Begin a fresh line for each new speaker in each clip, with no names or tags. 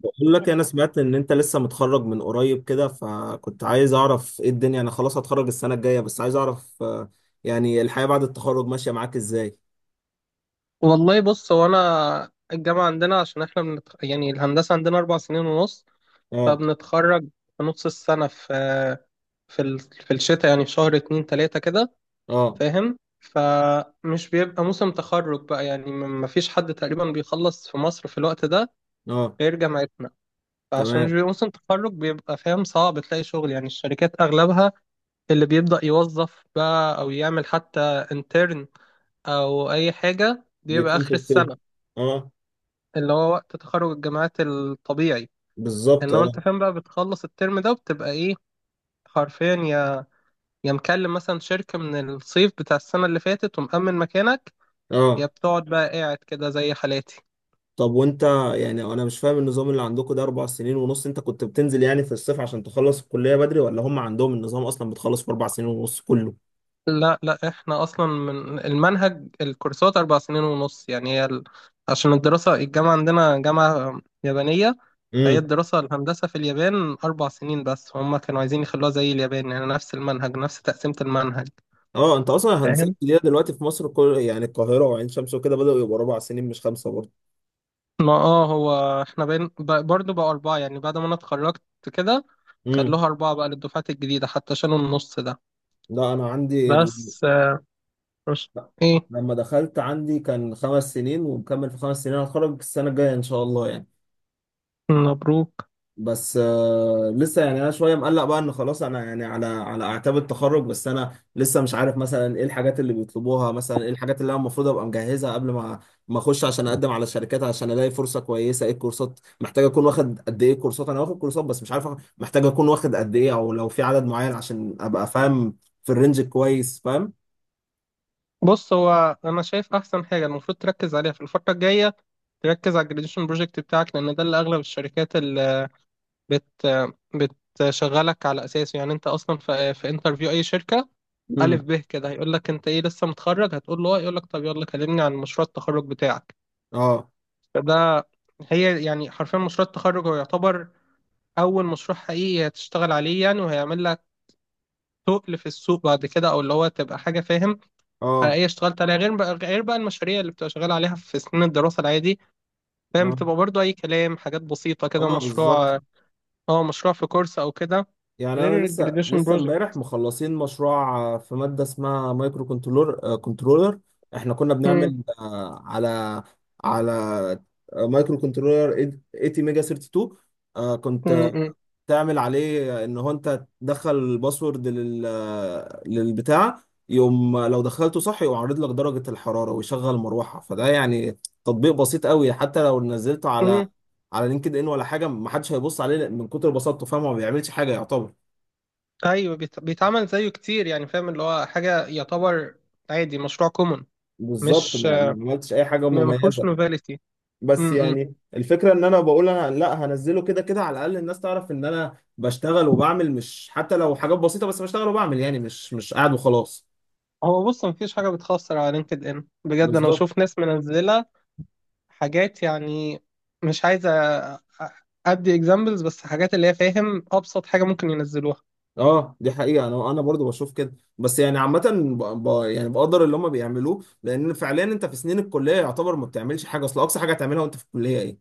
بقول لك انا سمعت ان انت لسه متخرج من قريب كده فكنت عايز اعرف ايه الدنيا. انا خلاص هتخرج السنة الجاية بس عايز اعرف، يعني الحياة بعد التخرج ماشية معاك ازاي؟
والله، بص، هو انا الجامعه عندنا عشان احنا يعني الهندسه عندنا 4 سنين ونص.
اه.
فبنتخرج في نص السنه في الشتاء، يعني في شهر اتنين تلاته كده،
اه.
فاهم. فمش بيبقى موسم تخرج بقى، يعني ما فيش حد تقريبا بيخلص في مصر في الوقت ده
اه.
غير جامعتنا. فعشان مش
تمام.
بيبقى موسم تخرج، بيبقى فاهم صعب تلاقي شغل، يعني الشركات اغلبها اللي بيبدأ يوظف بقى او يعمل حتى انترن او اي حاجه بيبقى
بيكون
اخر
في الصيف.
السنه،
اه،
اللي هو وقت تخرج الجامعات الطبيعي.
بالظبط.
انما انت
اه.
فاهم بقى بتخلص الترم ده وبتبقى ايه، حرفيا، يا مكلم مثلا شركة من الصيف بتاع السنة اللي فاتت ومأمن مكانك، يا
اه.
بتقعد بقى قاعد كده زي حالاتي.
طب وانت، يعني انا مش فاهم النظام اللي عندكم ده اربع سنين ونص، انت كنت بتنزل يعني في الصيف عشان تخلص الكلية بدري، ولا هم عندهم النظام اصلا بتخلص في اربع سنين ونص كله؟
لا لا، احنا اصلا من المنهج الكورسات 4 سنين ونص، يعني عشان الدراسة الجامعة عندنا جامعة يابانية، فهي
امم.
الدراسة الهندسة في اليابان 4 سنين بس هم كانوا عايزين يخلوها زي اليابان، يعني نفس المنهج نفس تقسيمة المنهج.
اه، انت اصلا هندسه جديده، دلوقتي في مصر كل يعني القاهره وعين شمس وكده بداوا يبقوا اربع سنين مش خمسه برضه.
ما اه، هو احنا بين برضه بقى أربعة، يعني بعد ما أنا اتخرجت كده
امم.
خلوها أربعة بقى للدفعات الجديدة حتى شالوا النص ده.
لا انا عندي
بس مش.
لا.
إيه.
لما دخلت عندي كان خمس سنين، ومكمل في خمس سنين، هتخرج السنه الجايه ان شاء الله يعني.
مبروك.
بس لسه يعني انا شويه مقلق بقى ان خلاص انا يعني على اعتاب التخرج، بس انا لسه مش عارف مثلا ايه الحاجات اللي بيطلبوها، مثلا ايه الحاجات اللي انا المفروض ابقى مجهزها قبل ما اخش عشان اقدم على شركات عشان الاقي فرصه كويسه. ايه الكورسات محتاج اكون واخد، قد ايه كورسات؟ انا واخد كورسات بس مش عارف محتاج اكون واخد قد ايه، او لو في عدد معين، عشان ابقى فاهم في الرينج كويس فاهم.
بص، هو أنا شايف أحسن حاجة المفروض تركز عليها في الفترة الجاية تركز على الجراديشن بروجكت بتاعك، لأن ده اللي أغلب الشركات اللي بت بتشغلك على أساسه. يعني أنت أصلا في انترفيو أي شركة
امم.
ألف به كده هيقول لك أنت إيه، لسه متخرج؟ هتقول له آه. يقول لك طب يلا كلمني عن مشروع التخرج بتاعك.
اه.
فده، هي يعني حرفيا مشروع التخرج هو يعتبر أول مشروع حقيقي هتشتغل عليه، يعني، وهيعمل لك تقل في السوق بعد كده، أو اللي هو تبقى حاجة، فاهم،
اه.
حقيقية اشتغلت عليها، غير بقى المشاريع اللي بتبقى شغال عليها في سنين الدراسة العادي، فاهم،
ما-
بتبقى برضو أي كلام، حاجات بسيطة كده،
اه، بالظبط.
مشروع، اه، مشروع في كورس أو كده،
يعني انا
غير
لسه
الجراديويشن
لسه
بروجكت.
امبارح مخلصين مشروع، في ماده اسمها مايكرو كنترولر، احنا كنا بنعمل على مايكرو كنترولر 80 ميجا 32. كنت تعمل عليه ان هو انت تدخل الباسورد لل آه، للبتاع، يقوم لو دخلته صح يقوم عارض لك درجه الحراره ويشغل مروحه. فده يعني تطبيق بسيط قوي، حتى لو نزلته على لينكد ان ولا حاجه محدش هيبص عليه من كتر بساطته فاهم، هو ما بيعملش حاجه يعتبر.
أيوه، بيتعمل زيه كتير، يعني، فاهم، اللي هو حاجة يعتبر عادي، مشروع كومون.
بالظبط،
مش.
ما عملتش اي حاجه
ما فيهوش
مميزه،
نوفاليتي.
بس يعني الفكره ان انا بقول انا لا هنزله كده كده، على الاقل الناس تعرف ان انا بشتغل وبعمل، مش حتى لو حاجات بسيطه بس بشتغل وبعمل، يعني مش قاعد وخلاص.
هو بص، مفيش حاجة بتخسر على لينكد إن بجد. أنا
بالظبط.
بشوف ناس منزلة حاجات، يعني، مش عايزة أدي إكزامبلز، بس حاجات اللي هي، فاهم، أبسط حاجة ممكن ينزلوها.
اه، دي حقيقه، انا برضو بشوف كده، بس يعني عامه يعني بقدر اللي هم بيعملوه، لان فعليا انت في سنين الكليه يعتبر ما بتعملش حاجه، اصل اقصى حاجه هتعملها وانت في الكليه ايه؟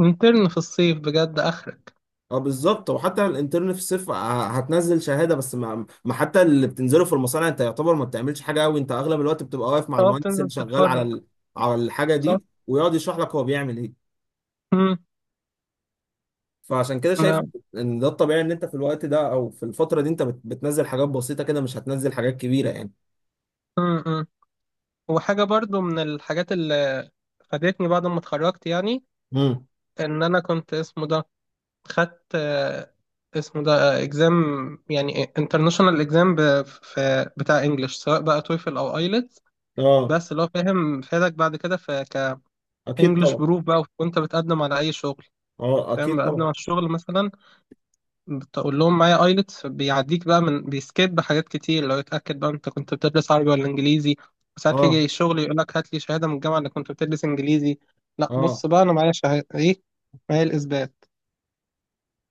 انترن في الصيف بجد آخرك.
اه، بالظبط، وحتى الانترن في الصيف هتنزل شهاده بس، ما حتى اللي بتنزله في المصانع انت يعتبر ما بتعملش حاجه قوي، انت اغلب الوقت بتبقى واقف مع
أه،
المهندس
بتنزل
اللي شغال
تتفرج.
على الحاجه
صح؟
دي، ويقعد يشرح لك هو بيعمل ايه.
مم.
فعشان كده شايف
نعم.
ان ده الطبيعي، ان انت في الوقت ده او في الفتره دي انت بتنزل حاجات بسيطه كده، مش هتنزل حاجات كبيره يعني.
مم. مم. وحاجة برضو من الحاجات اللي فادتني بعد ما اتخرجت، يعني،
امم.
إن أنا كنت اسمه ده خدت اسمه ده اكزام، يعني انترناشونال اكزام، في بتاع انجلش، سواء بقى تويفل او ايلتس.
اه،
بس اللي هو، فاهم، فادك بعد كده في
اكيد
كانجلش
طبعا.
بروف بقى وانت بتقدم على اي شغل.
اه،
فاهم،
اكيد
بقدم
طبعا.
على الشغل مثلا بتقول لهم معايا ايلتس، بيعديك بقى من بيسكيب حاجات كتير، لو يتاكد بقى انت كنت بتدرس عربي ولا انجليزي. وساعات يجي
اه.
الشغل يقول لك هات لي شهاده من الجامعه انك كنت بتدرس انجليزي. لا،
اه.
بص بقى، انا معايا شهاده ايه، معايا الاثبات.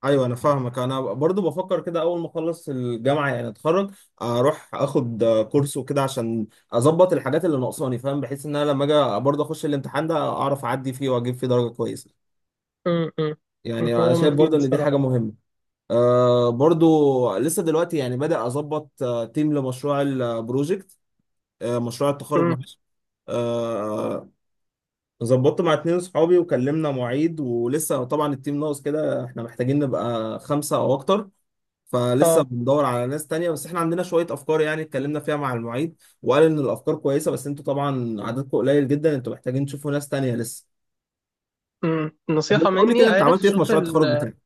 ايوه انا فاهمك، انا برضو بفكر كده، اول ما اخلص الجامعه يعني اتخرج، اروح اخد كورس وكده عشان اظبط الحاجات اللي ناقصاني فاهم، بحيث ان انا لما اجي برضو اخش الامتحان ده اعرف اعدي فيه واجيب فيه درجه كويسه.
م- م.
يعني انا
هو
شايف برضو
مفيد
ان دي
بصراحه.
حاجه مهمه. أه، برضو لسه دلوقتي يعني بدأ اظبط تيم لمشروع البروجكت آه، مشروع التخرج،
م.
معلش. آه، ظبطت مع اتنين صحابي وكلمنا معيد، ولسه طبعا التيم ناقص كده، احنا محتاجين نبقى خمسة او اكتر، فلسه
اه.
بندور على ناس تانية. بس احنا عندنا شوية افكار يعني اتكلمنا فيها مع المعيد، وقال ان الافكار كويسة بس انتوا طبعا عددكم قليل جدا، انتوا محتاجين تشوفوا ناس تانية لسه.
م.
طب
نصيحه
انت قول لي
مني،
كده، انت
عارف،
عملت ايه في
شوف،
مشروع التخرج بتاعك؟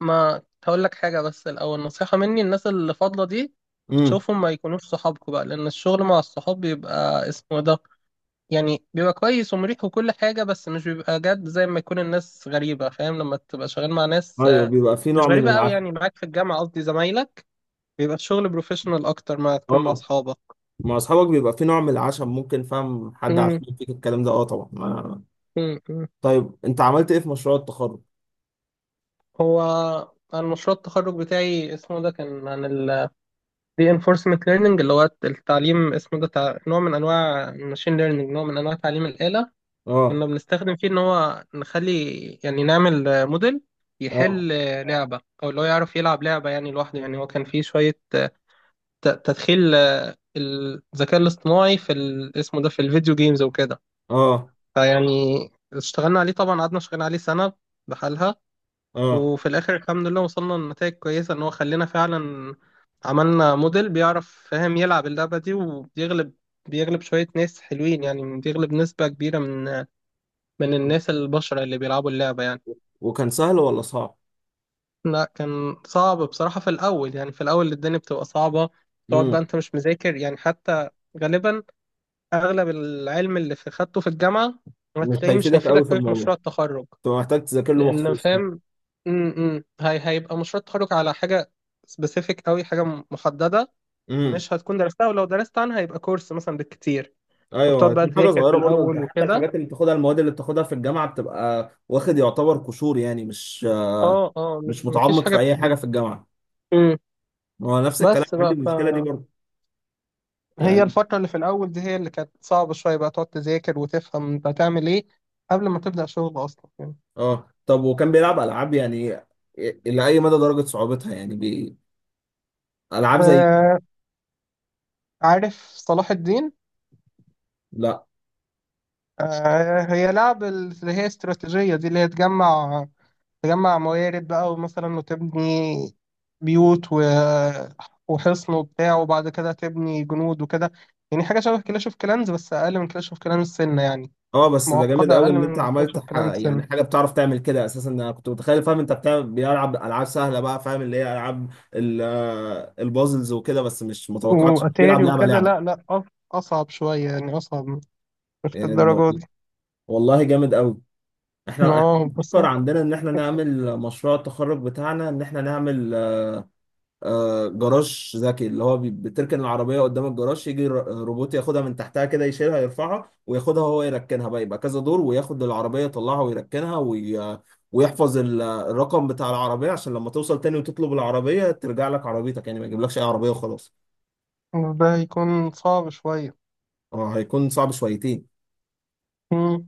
ما هقول لك حاجة بس الأول نصيحة مني، الناس اللي فاضلة دي
امم.
شوفهم ما يكونوش صحابكوا بقى، لأن الشغل مع الصحاب بيبقى اسمه إيه ده، يعني بيبقى كويس ومريح وكل حاجة بس مش بيبقى جد زي ما يكون الناس غريبة، فاهم، لما تبقى شغال مع ناس
ايوه، بيبقى في
مش
نوع من
غريبة أوي
العشم.
يعني، معاك في الجامعة، قصدي زمايلك، بيبقى الشغل بروفيشنال أكتر ما تكون مع
اه،
أصحابك.
مع اصحابك بيبقى في نوع من العشم ممكن فاهم حد
أمم.
عشان فيك الكلام ده، اه طبعا.
أمم. أمم.
طيب انت عملت ايه في مشروع التخرج؟
هو أنا مشروع التخرج بتاعي اسمه ده كان عن reinforcement learning، اللي هو التعليم، اسمه ده، نوع من انواع الماشين learning، نوع من انواع تعليم الآلة.
اه.
كنا بنستخدم فيه ان هو نخلي، يعني نعمل، موديل
اه.
يحل لعبة، او اللي هو يعرف يلعب لعبة يعني لوحده. يعني هو كان فيه شوية تدخيل الذكاء الاصطناعي في اسمه ده في الفيديو جيمز وكده.
اه.
فيعني اشتغلنا عليه طبعا، قعدنا شغالين عليه سنة بحالها.
اه.
وفي الاخر الحمد لله وصلنا لنتائج كويسه، ان هو خلينا فعلا عملنا موديل بيعرف، فاهم، يلعب اللعبه دي وبيغلب. بيغلب شويه ناس حلوين، يعني بيغلب نسبه كبيره من الناس البشر اللي بيلعبوا اللعبه يعني.
وكان سهل ولا صعب؟
لا كان صعب بصراحه في الاول، يعني في الاول الدنيا بتبقى صعبه، تقعد بقى
امم.
انت مش مذاكر يعني حتى، غالبا اغلب العلم اللي في خدته في الجامعه
مش
هتلاقيه مش
هيفيدك قوي
هيفيدك
في
قوي في
الموضوع،
مشروع التخرج،
انت محتاج تذاكر له
لان،
مخصوص، اه.
فاهم. م- م. هي هيبقى مشروع التخرج على حاجه سبيسيفيك قوي، حاجه محدده،
امم.
مش هتكون درستها، ولو درست عنها هيبقى كورس مثلا بالكتير.
ايوه،
فبتقعد بقى
هتكون حاجه
تذاكر في
صغيره برضه، انت
الاول
حتى
وكده.
الحاجات اللي بتاخدها، المواد اللي بتاخدها في الجامعه بتبقى واخد يعتبر قشور، يعني مش
اه، اه، مش،
مش
مفيش
متعمق
حاجه
في اي حاجه في الجامعه.
م.
هو نفس الكلام
بس
عندي
بقى
المشكله دي
فهي
برضه يعني.
الفتره اللي في الاول دي هي اللي كانت صعبه شويه بقى، تقعد تذاكر وتفهم انت هتعمل ايه قبل ما تبدا شغل اصلا يعني.
اه، طب وكان بيلعب العاب يعني؟ الى اي مدى درجه صعوبتها يعني العاب زي؟
آه، عارف صلاح الدين؟
لا.
آه، هي لعب اللي هي استراتيجيه دي، اللي هي تجمع، موارد بقى، ومثلا وتبني بيوت وحصن وبتاع، وبعد كده تبني جنود وكده، يعني حاجة شبه كلاش اوف كلانز بس أقل من كلاش اوف كلانز سنة يعني،
اه، بس ده جامد
معقدة
قوي
أقل
ان انت
من كلاش
عملت
اوف كلانز سنة
يعني حاجه بتعرف تعمل كده اساسا. انا كنت متخيل فاهم انت بتعمل بيلعب العاب سهله بقى، فاهم اللي هي العاب البازلز وكده، بس مش متوقعتش بيلعب
وأتاري
لعبه
وكده. لا
لعبه
لا، أصعب شوية يعني، أصعب، مش
يعني.
الدرجة دي.
والله جامد قوي. احنا
اه، بس
بنفكر عندنا ان احنا نعمل مشروع التخرج بتاعنا، ان احنا نعمل جراج ذكي، اللي هو بتركن العربية قدام الجراج، يجي روبوت ياخدها من تحتها كده، يشيلها يرفعها وياخدها هو يركنها بقى، يبقى كذا دور، وياخد العربية يطلعها ويركنها، ويحفظ الرقم بتاع العربية عشان لما توصل تاني وتطلب العربية ترجع لك عربيتك، يعني ما يجيبلكش اي عربية وخلاص.
ده هيكون صعب شوية.
اه، هيكون صعب شويتين
مم.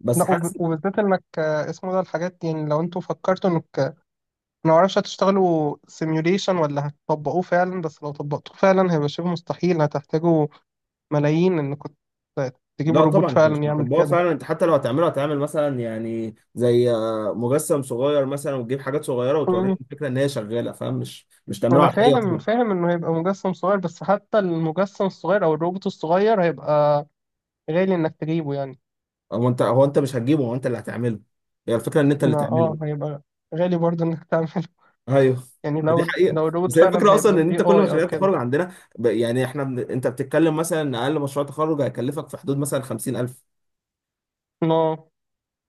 بس
لا،
حاسس.
وبالذات إنك اسمه ده الحاجات، يعني لو أنتوا فكرتوا إنك، ما اعرفش، هتشتغلوا سيميوليشن ولا هتطبقوه فعلا، بس لو طبقتوه فعلا هيبقى شبه مستحيل، هتحتاجوا ملايين ان كنت تجيبوا
لا
روبوت
طبعا احنا مش
فعلا يعمل
بنطبقها
كده.
فعلا، انت حتى لو هتعمله هتعمل مثلا يعني زي مجسم صغير مثلا، وتجيب حاجات صغيره وتوريهم
مم.
الفكره ان هي شغاله فاهم، مش تعمله
انا
على الحقيقه
فاهم،
طبعا.
انه هيبقى مجسم صغير، بس حتى المجسم الصغير او الروبوت الصغير هيبقى غالي انك تجيبه يعني.
هو انت مش هتجيبه، هو انت اللي هتعمله. هي الفكره ان انت اللي
ما
تعمله
اه،
بقى.
هيبقى غالي برضه انك تعمله.
ايوه،
يعني
دي
لو،
حقيقه.
الروبوت
بس هي
فعلا
الفكره اصلا،
هيبقى
ان
باي
انت كل
اي او
مشاريع التخرج
كده.
عندنا، انت بتتكلم مثلا ان اقل مشروع تخرج هيكلفك في حدود مثلا 50,000.
لا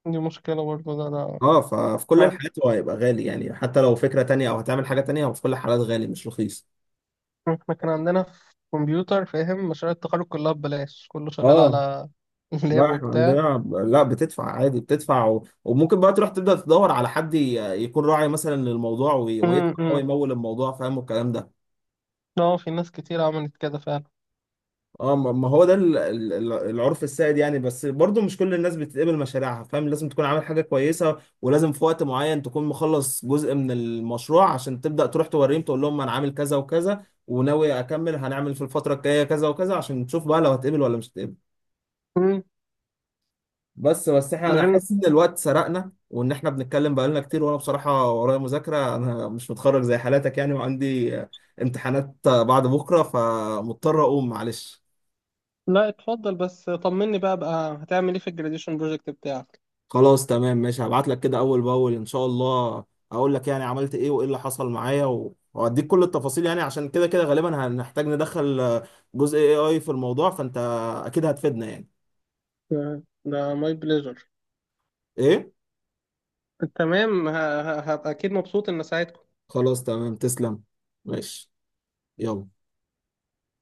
دي مشكلة برضه ده، لا.
اه، ففي كل الحالات هو هيبقى غالي، يعني حتى لو فكره تانيه او هتعمل حاجه تانيه هو في كل الحالات غالي مش رخيص.
احنا كان عندنا في كمبيوتر، فاهم، مشاريع التخرج كلها ببلاش، كله شغال
اه.
على اللاب
لا احنا
وبتاع.
عندنا لا بتدفع عادي، بتدفع وممكن بقى تروح تبدأ تدور على حد يكون راعي مثلا للموضوع، ويدفع هو،
امم.
يمول الموضوع فاهم والكلام ده.
اه، في ناس كتير عملت كده فعلا.
اه، ما هو ده العرف السائد يعني، بس برضو مش كل الناس بتتقبل مشاريعها فاهم، لازم تكون عامل حاجة كويسة، ولازم في وقت معين تكون مخلص جزء من المشروع عشان تبدأ تروح توريهم تقول لهم انا عامل كذا وكذا وناوي اكمل، هنعمل في الفترة الجاية كذا وكذا، عشان تشوف بقى لو هتقبل ولا مش هتقبل.
امم.
بس احنا،
ده
انا
غير،
حاسس ان الوقت سرقنا وان احنا بنتكلم بقالنا كتير، وانا بصراحه ورايا مذاكره، انا مش متخرج زي حالاتك يعني، وعندي امتحانات بعد بكره، فمضطر اقوم معلش.
لا اتفضل، بس طمني بقى، هتعمل ايه في الجراديشن بروجكت بتاعك؟
خلاص تمام ماشي، هبعت لك كده اول باول ان شاء الله، اقول لك يعني عملت ايه وايه اللي حصل معايا، واديك كل التفاصيل، يعني عشان كده كده غالبا هنحتاج ندخل جزء اي اي في الموضوع، فانت اكيد هتفيدنا يعني.
ده ماي بليجر.
ايه؟
تمام. هبقى اكيد مبسوط ان ساعتها.
خلاص تمام، تسلم. ماشي. يلا.